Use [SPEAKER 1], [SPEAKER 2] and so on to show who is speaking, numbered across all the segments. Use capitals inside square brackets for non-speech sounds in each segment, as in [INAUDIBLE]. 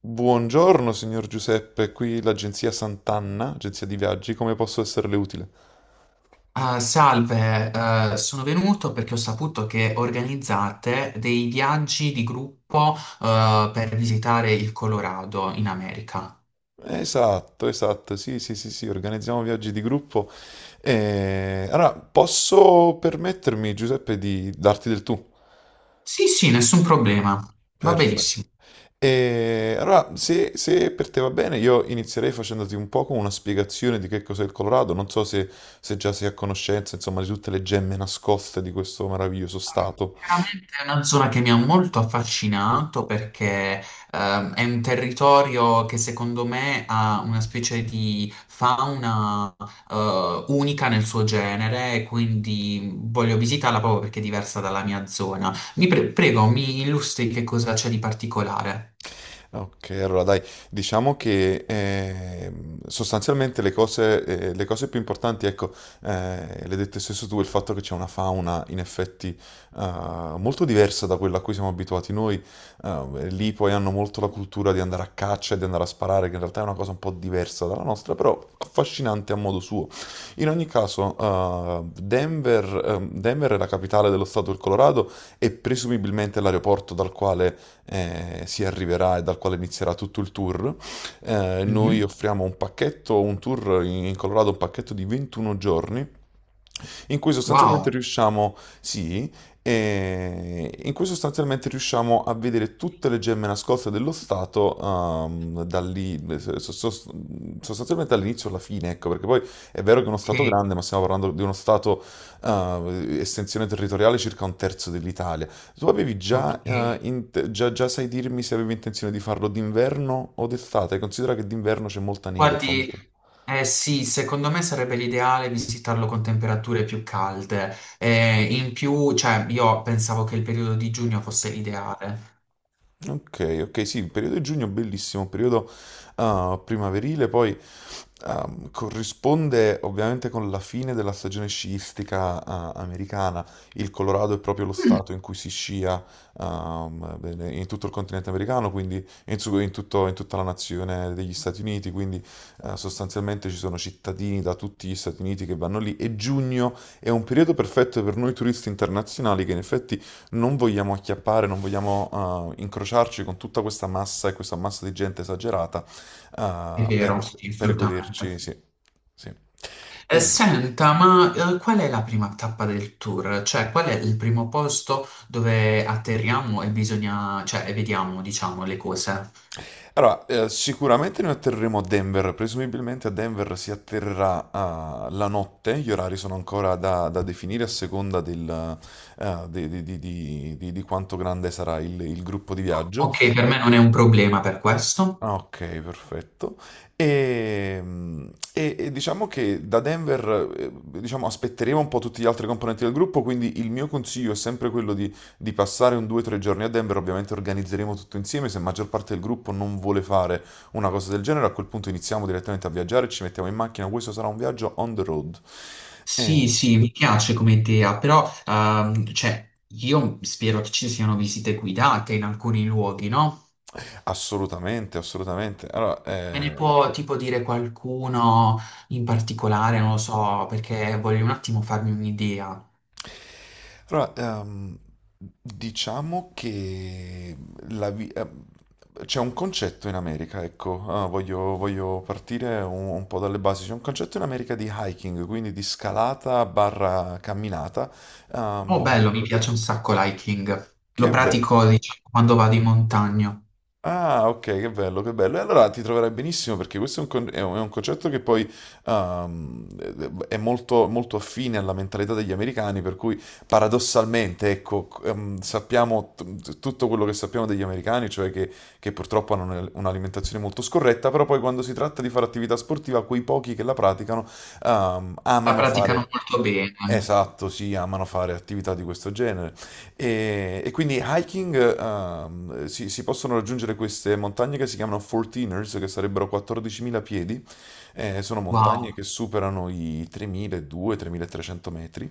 [SPEAKER 1] Buongiorno, signor Giuseppe, qui l'agenzia Sant'Anna, agenzia di viaggi, come posso esserle utile?
[SPEAKER 2] Ah, salve, sono venuto perché ho saputo che organizzate dei viaggi di gruppo, per visitare il Colorado in America.
[SPEAKER 1] Esatto, esatto, sì, sì, sì, sì, organizziamo viaggi di gruppo. Allora, posso permettermi, Giuseppe, di darti del tu?
[SPEAKER 2] Sì, sì, nessun problema. Va
[SPEAKER 1] Perfetto.
[SPEAKER 2] benissimo.
[SPEAKER 1] E allora, se per te va bene, io inizierei facendoti un po' con una spiegazione di che cos'è il Colorado. Non so se già sei a conoscenza, insomma, di tutte le gemme nascoste di questo meraviglioso stato.
[SPEAKER 2] Veramente è una zona che mi ha molto affascinato perché è un territorio che secondo me ha una specie di fauna unica nel suo genere e quindi voglio visitarla proprio perché è diversa dalla mia zona. Prego, mi illustri che cosa c'è di particolare.
[SPEAKER 1] Ok, allora dai, diciamo che sostanzialmente le cose più importanti, ecco, le hai dette stesso tu, il fatto che c'è una fauna in effetti molto diversa da quella a cui siamo abituati noi. Lì poi hanno molto la cultura di andare a caccia e di andare a sparare, che in realtà è una cosa un po' diversa dalla nostra, però affascinante a modo suo. In ogni caso, Denver, Denver è la capitale dello stato del Colorado e presumibilmente l'aeroporto dal quale si arriverà e dal quale inizierà tutto il tour. Noi
[SPEAKER 2] Mhm.
[SPEAKER 1] offriamo un pacchetto, un tour in Colorado, un pacchetto di 21 giorni in cui sostanzialmente
[SPEAKER 2] Wow,
[SPEAKER 1] riusciamo, sì, in cui sostanzialmente riusciamo a vedere tutte le gemme nascoste dello Stato, da lì, sostanzialmente dall'inizio alla fine, ecco, perché poi è vero che è uno
[SPEAKER 2] ok,
[SPEAKER 1] Stato grande, ma stiamo parlando di uno Stato, estensione territoriale circa un terzo dell'Italia. Tu avevi già,
[SPEAKER 2] ok.
[SPEAKER 1] int- Già, già sai dirmi se avevi intenzione di farlo d'inverno o d'estate? Considera che d'inverno c'è molta neve, fa
[SPEAKER 2] Guardi,
[SPEAKER 1] molto...
[SPEAKER 2] eh sì, secondo me sarebbe l'ideale visitarlo con temperature più calde. In più, cioè, io pensavo che il periodo di giugno fosse l'ideale.
[SPEAKER 1] Ok, ok, sì, il periodo di giugno è bellissimo, periodo primaverile, poi corrisponde ovviamente con la fine della stagione sciistica americana. Il Colorado è proprio lo stato in cui si scia bene, in tutto il continente americano, quindi in, su- in tutto- in tutta la nazione degli Stati Uniti, quindi sostanzialmente ci sono cittadini da tutti gli Stati Uniti che vanno lì e giugno è un periodo perfetto per noi turisti internazionali che in effetti non vogliamo acchiappare, non vogliamo incrociarci con tutta questa massa e questa massa di gente esagerata
[SPEAKER 2] È
[SPEAKER 1] eh, per,
[SPEAKER 2] vero, sì,
[SPEAKER 1] per goderci,
[SPEAKER 2] assolutamente.
[SPEAKER 1] sì, sì. E,
[SPEAKER 2] Senta, ma qual è la prima tappa del tour? Cioè, qual è il primo posto dove atterriamo e bisogna, cioè, e vediamo, diciamo, le cose?
[SPEAKER 1] allora, sicuramente noi atterreremo a Denver, presumibilmente a Denver si atterrerà la notte, gli orari sono ancora da definire a seconda del, di quanto grande sarà il gruppo di viaggio.
[SPEAKER 2] Ok, per me non è un problema per questo.
[SPEAKER 1] Ah, ok, perfetto. E, mm, e diciamo che da Denver, diciamo, aspetteremo un po' tutti gli altri componenti del gruppo, quindi il mio consiglio è sempre quello di passare un 2-3 giorni a Denver. Ovviamente organizzeremo tutto insieme, se la maggior parte del gruppo non vuole fare una cosa del genere, a quel punto iniziamo direttamente a viaggiare, ci mettiamo in macchina, questo sarà un viaggio on the road. Eh,
[SPEAKER 2] Sì, sì, mi piace come idea, però cioè, io spero che ci siano visite guidate in alcuni luoghi, no?
[SPEAKER 1] Assolutamente, assolutamente. Allora,
[SPEAKER 2] Me ne può tipo dire qualcuno in particolare, non lo so, perché voglio un attimo farmi un'idea.
[SPEAKER 1] allora, diciamo che la vi- ehm, c'è un concetto in America, ecco, voglio partire un po' dalle basi. C'è un concetto in America di hiking, quindi di scalata barra camminata,
[SPEAKER 2] Oh,
[SPEAKER 1] ehm,
[SPEAKER 2] bello, mi piace un sacco l'hiking.
[SPEAKER 1] che
[SPEAKER 2] Lo
[SPEAKER 1] è bello.
[SPEAKER 2] pratico, diciamo, quando vado in montagna.
[SPEAKER 1] Ah, ok, che bello, che bello. E allora ti troverai benissimo perché questo è un, con- è un concetto che poi è molto, molto affine alla mentalità degli americani, per cui paradossalmente, ecco, sappiamo tutto quello che sappiamo degli americani, cioè che purtroppo hanno un'alimentazione molto scorretta, però poi quando si tratta di fare attività sportiva, quei pochi che la praticano
[SPEAKER 2] La
[SPEAKER 1] amano
[SPEAKER 2] praticano
[SPEAKER 1] fare...
[SPEAKER 2] molto bene.
[SPEAKER 1] Esatto, sì, amano fare attività di questo genere. E quindi hiking, si, si possono raggiungere queste montagne che si chiamano 14ers, che sarebbero 14.000 piedi. Sono montagne
[SPEAKER 2] Wow,
[SPEAKER 1] che superano i 3.200-3.300 metri.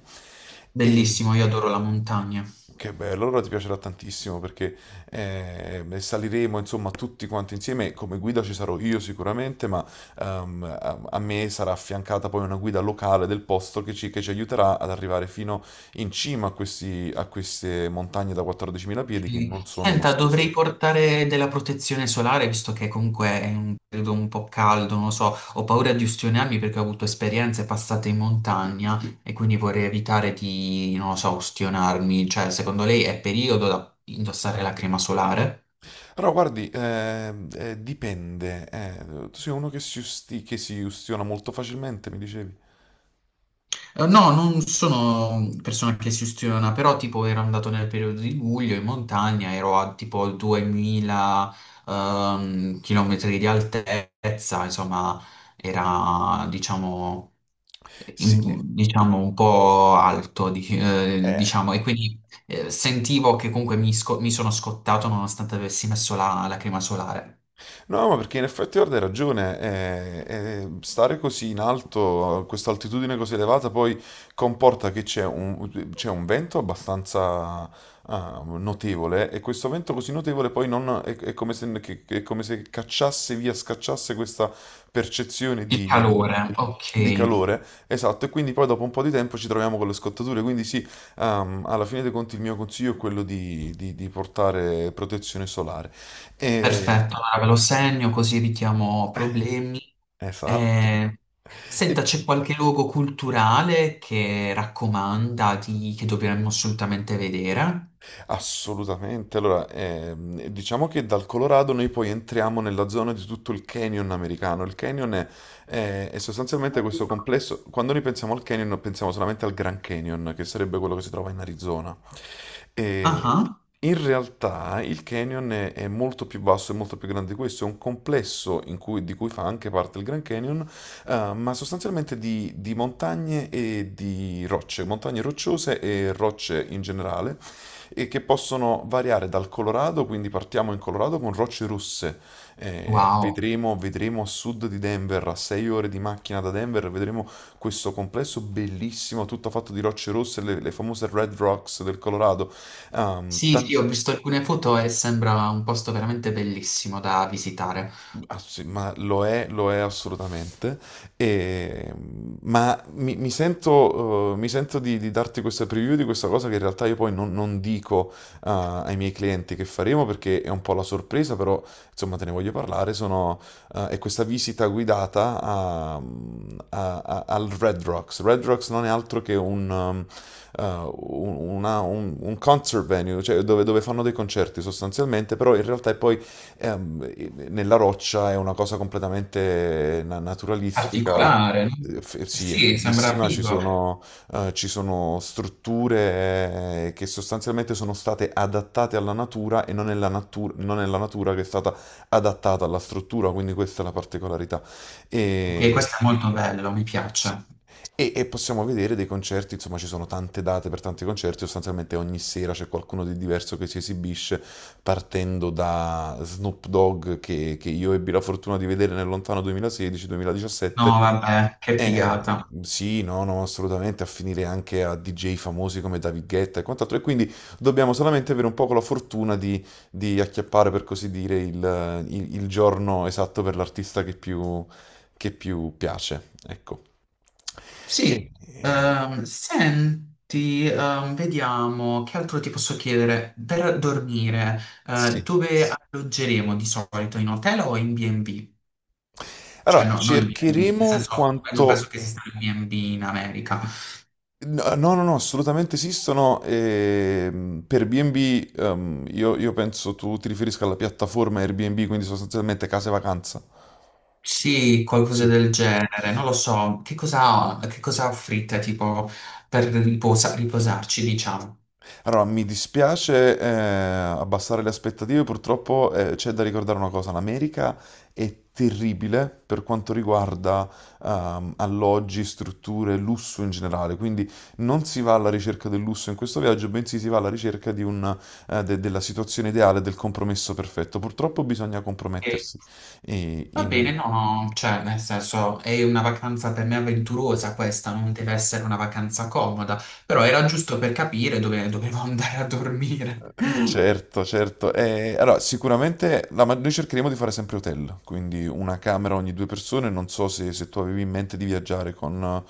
[SPEAKER 1] E,
[SPEAKER 2] bellissimo, io adoro la montagna.
[SPEAKER 1] che bello, allora ti piacerà tantissimo perché saliremo insomma tutti quanti insieme, come guida ci sarò io sicuramente, ma a, a me sarà affiancata poi una guida locale del posto che ci aiuterà ad arrivare fino in cima a, a queste montagne da 14.000 piedi che
[SPEAKER 2] Sì.
[SPEAKER 1] non sono uno
[SPEAKER 2] Senta, dovrei
[SPEAKER 1] scherzo.
[SPEAKER 2] portare della protezione solare visto che comunque è un periodo un po' caldo, non lo so, ho paura di ustionarmi perché ho avuto esperienze passate in montagna e quindi vorrei evitare di, non lo so, ustionarmi. Cioè, secondo lei è periodo da indossare la crema solare?
[SPEAKER 1] Però guardi, dipende, tu sei uno che si, che si ustiona molto facilmente, mi dicevi.
[SPEAKER 2] No, non sono persona che si ustiona, però tipo ero andato nel periodo di luglio in montagna, ero a tipo 2000 chilometri di altezza, insomma era diciamo,
[SPEAKER 1] Sì,
[SPEAKER 2] diciamo un po' alto,
[SPEAKER 1] eh,
[SPEAKER 2] diciamo, e quindi sentivo che comunque mi, mi sono scottato nonostante avessi messo la crema solare.
[SPEAKER 1] no, ma perché in effetti guarda, hai ragione, stare così in alto, a questa altitudine così elevata, poi comporta che c'è un vento abbastanza notevole e questo vento così notevole poi non, è come se, è come se cacciasse via, scacciasse questa percezione
[SPEAKER 2] Il calore,
[SPEAKER 1] di
[SPEAKER 2] ok.
[SPEAKER 1] calore, esatto, e quindi poi dopo un po' di tempo ci troviamo con le scottature, quindi sì, alla fine dei conti il mio consiglio è quello di, di portare protezione solare. E-
[SPEAKER 2] Perfetto, allora ve lo segno così evitiamo problemi.
[SPEAKER 1] Esatto.
[SPEAKER 2] Eh,
[SPEAKER 1] E
[SPEAKER 2] senta, c'è qualche luogo culturale che raccomanda che dovremmo assolutamente vedere?
[SPEAKER 1] assolutamente. Allora, diciamo che dal Colorado noi poi entriamo nella zona di tutto il canyon americano. Il canyon è, è sostanzialmente questo complesso. Quando noi pensiamo al canyon, pensiamo solamente al Grand Canyon, che sarebbe quello che si trova in Arizona. E
[SPEAKER 2] Ah,
[SPEAKER 1] in realtà il canyon è molto più vasto e molto più grande di questo. È un complesso in cui- di cui fa anche parte il Grand Canyon, ma sostanzialmente di montagne e di rocce, montagne rocciose e rocce in generale e che possono variare dal Colorado, quindi partiamo in Colorado con rocce russe,
[SPEAKER 2] wow.
[SPEAKER 1] vedremo a sud di Denver, a 6 ore di macchina da Denver, vedremo questo complesso bellissimo, tutto fatto di rocce rosse, le famose Red Rocks del Colorado. Ehm,
[SPEAKER 2] Sì, sì,
[SPEAKER 1] tan-
[SPEAKER 2] ho visto alcune foto e sembra un posto veramente bellissimo da visitare.
[SPEAKER 1] Ah, sì, ma lo è assolutamente. E, ma mi, mi sento di darti questa preview di questa cosa che in realtà io poi non, non dico, ai miei clienti che faremo perché è un po' la sorpresa, però insomma te ne voglio parlare. Sono, è questa visita guidata al Red Rocks. Red Rocks non è altro che un, um, un- una- un concert venue, cioè dove, dove fanno dei concerti sostanzialmente, però in realtà è poi nella roccia è una cosa completamente naturalistica.
[SPEAKER 2] Particolare, no?
[SPEAKER 1] Sì, è
[SPEAKER 2] Sì, sembra
[SPEAKER 1] fighissima,
[SPEAKER 2] figo.
[SPEAKER 1] ci sono strutture che sostanzialmente sono state adattate alla natura e non è la non è la natura che è stata adattata alla struttura, quindi questa è la particolarità.
[SPEAKER 2] Ok,
[SPEAKER 1] E,
[SPEAKER 2] questo è molto bello, mi
[SPEAKER 1] sì.
[SPEAKER 2] piace.
[SPEAKER 1] E possiamo vedere dei concerti, insomma, ci sono tante date per tanti concerti, sostanzialmente ogni sera c'è qualcuno di diverso che si esibisce, partendo da Snoop Dogg, che io ebbi la fortuna di vedere nel lontano 2016-2017.
[SPEAKER 2] No, vabbè, che
[SPEAKER 1] Eh,
[SPEAKER 2] figata.
[SPEAKER 1] sì, no, no, assolutamente, a finire anche a DJ famosi come David Guetta e quant'altro. E quindi dobbiamo solamente avere un po' la fortuna di acchiappare, per così dire, il giorno esatto per l'artista che più piace. Ecco. E-
[SPEAKER 2] Sì,
[SPEAKER 1] e-
[SPEAKER 2] senti, vediamo che altro ti posso chiedere. Per dormire,
[SPEAKER 1] sì.
[SPEAKER 2] dove alloggeremo di solito? In hotel o in B&B? Cioè,
[SPEAKER 1] Allora,
[SPEAKER 2] no, non in B&B, nel
[SPEAKER 1] cercheremo
[SPEAKER 2] senso, non penso
[SPEAKER 1] quanto...
[SPEAKER 2] che esista il B&B in America.
[SPEAKER 1] No, no, no, no, assolutamente esistono. Per B&B, io penso tu ti riferisca alla piattaforma Airbnb, quindi sostanzialmente case vacanza.
[SPEAKER 2] Sì, qualcosa
[SPEAKER 1] Sì.
[SPEAKER 2] del genere, non lo so. Che cosa offrite, tipo, per riposarci, diciamo?
[SPEAKER 1] Allora, mi dispiace abbassare le aspettative, purtroppo c'è da ricordare una cosa, l'America è terribile per quanto riguarda alloggi, strutture, lusso in generale, quindi non si va alla ricerca del lusso in questo viaggio, bensì si va alla ricerca di un, della situazione ideale, del compromesso perfetto. Purtroppo bisogna
[SPEAKER 2] Ok.
[SPEAKER 1] compromettersi
[SPEAKER 2] Va bene,
[SPEAKER 1] in...
[SPEAKER 2] no, no, cioè, nel senso, è una vacanza per me avventurosa questa, non deve essere una vacanza comoda, però era giusto per capire dove dovevo [LAUGHS] andare a dormire. [LAUGHS]
[SPEAKER 1] Certo, certo. Allora, sicuramente noi cercheremo di fare sempre hotel, quindi una camera ogni due persone. Non so se, se tu avevi in mente di viaggiare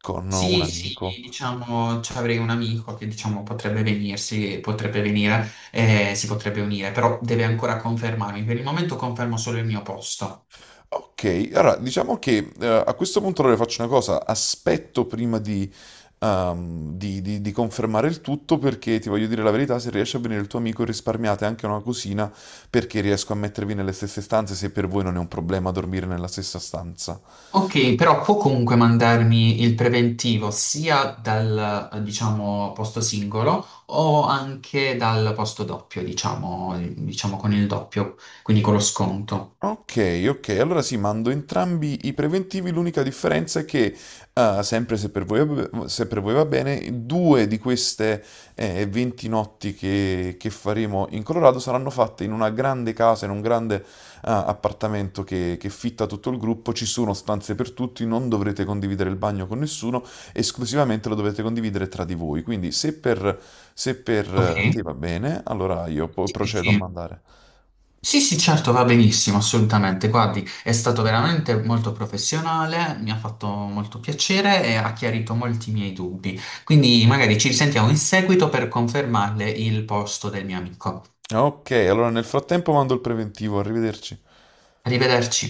[SPEAKER 1] con un
[SPEAKER 2] Sì, sì,
[SPEAKER 1] amico.
[SPEAKER 2] diciamo, ci avrei un amico che, diciamo, potrebbe venirsi, potrebbe venire, si potrebbe unire, però deve ancora confermarmi. Per il momento confermo solo il mio posto.
[SPEAKER 1] Ok, allora diciamo che a questo punto allora faccio una cosa, aspetto prima di, di confermare il tutto perché ti voglio dire la verità, se riesce a venire il tuo amico risparmiate anche una cosina perché riesco a mettervi nelle stesse stanze se per voi non è un problema dormire nella stessa stanza.
[SPEAKER 2] Ok, però può comunque mandarmi il preventivo sia dal, diciamo, posto singolo o anche dal posto doppio, diciamo, diciamo con il doppio, quindi con lo sconto.
[SPEAKER 1] Ok, ok, allora sì, mando entrambi i preventivi, l'unica differenza è che, sempre se per voi, va se per voi va bene, due di queste 20 notti che faremo in Colorado saranno fatte in una grande casa, in un grande appartamento che fitta tutto il gruppo, ci sono stanze per tutti, non dovrete condividere il bagno con nessuno, esclusivamente lo dovete condividere tra di voi, quindi se per, se per te
[SPEAKER 2] Ok?
[SPEAKER 1] va bene, allora io poi
[SPEAKER 2] Sì,
[SPEAKER 1] procedo a
[SPEAKER 2] sì,
[SPEAKER 1] mandare.
[SPEAKER 2] sì, sì, sì, certo, va benissimo, assolutamente. Guardi, è stato veramente molto professionale, mi ha fatto molto piacere e ha chiarito molti miei dubbi. Quindi magari ci risentiamo in seguito per confermarle il posto del mio amico.
[SPEAKER 1] Ok, allora nel frattempo mando il preventivo, arrivederci.
[SPEAKER 2] Arrivederci.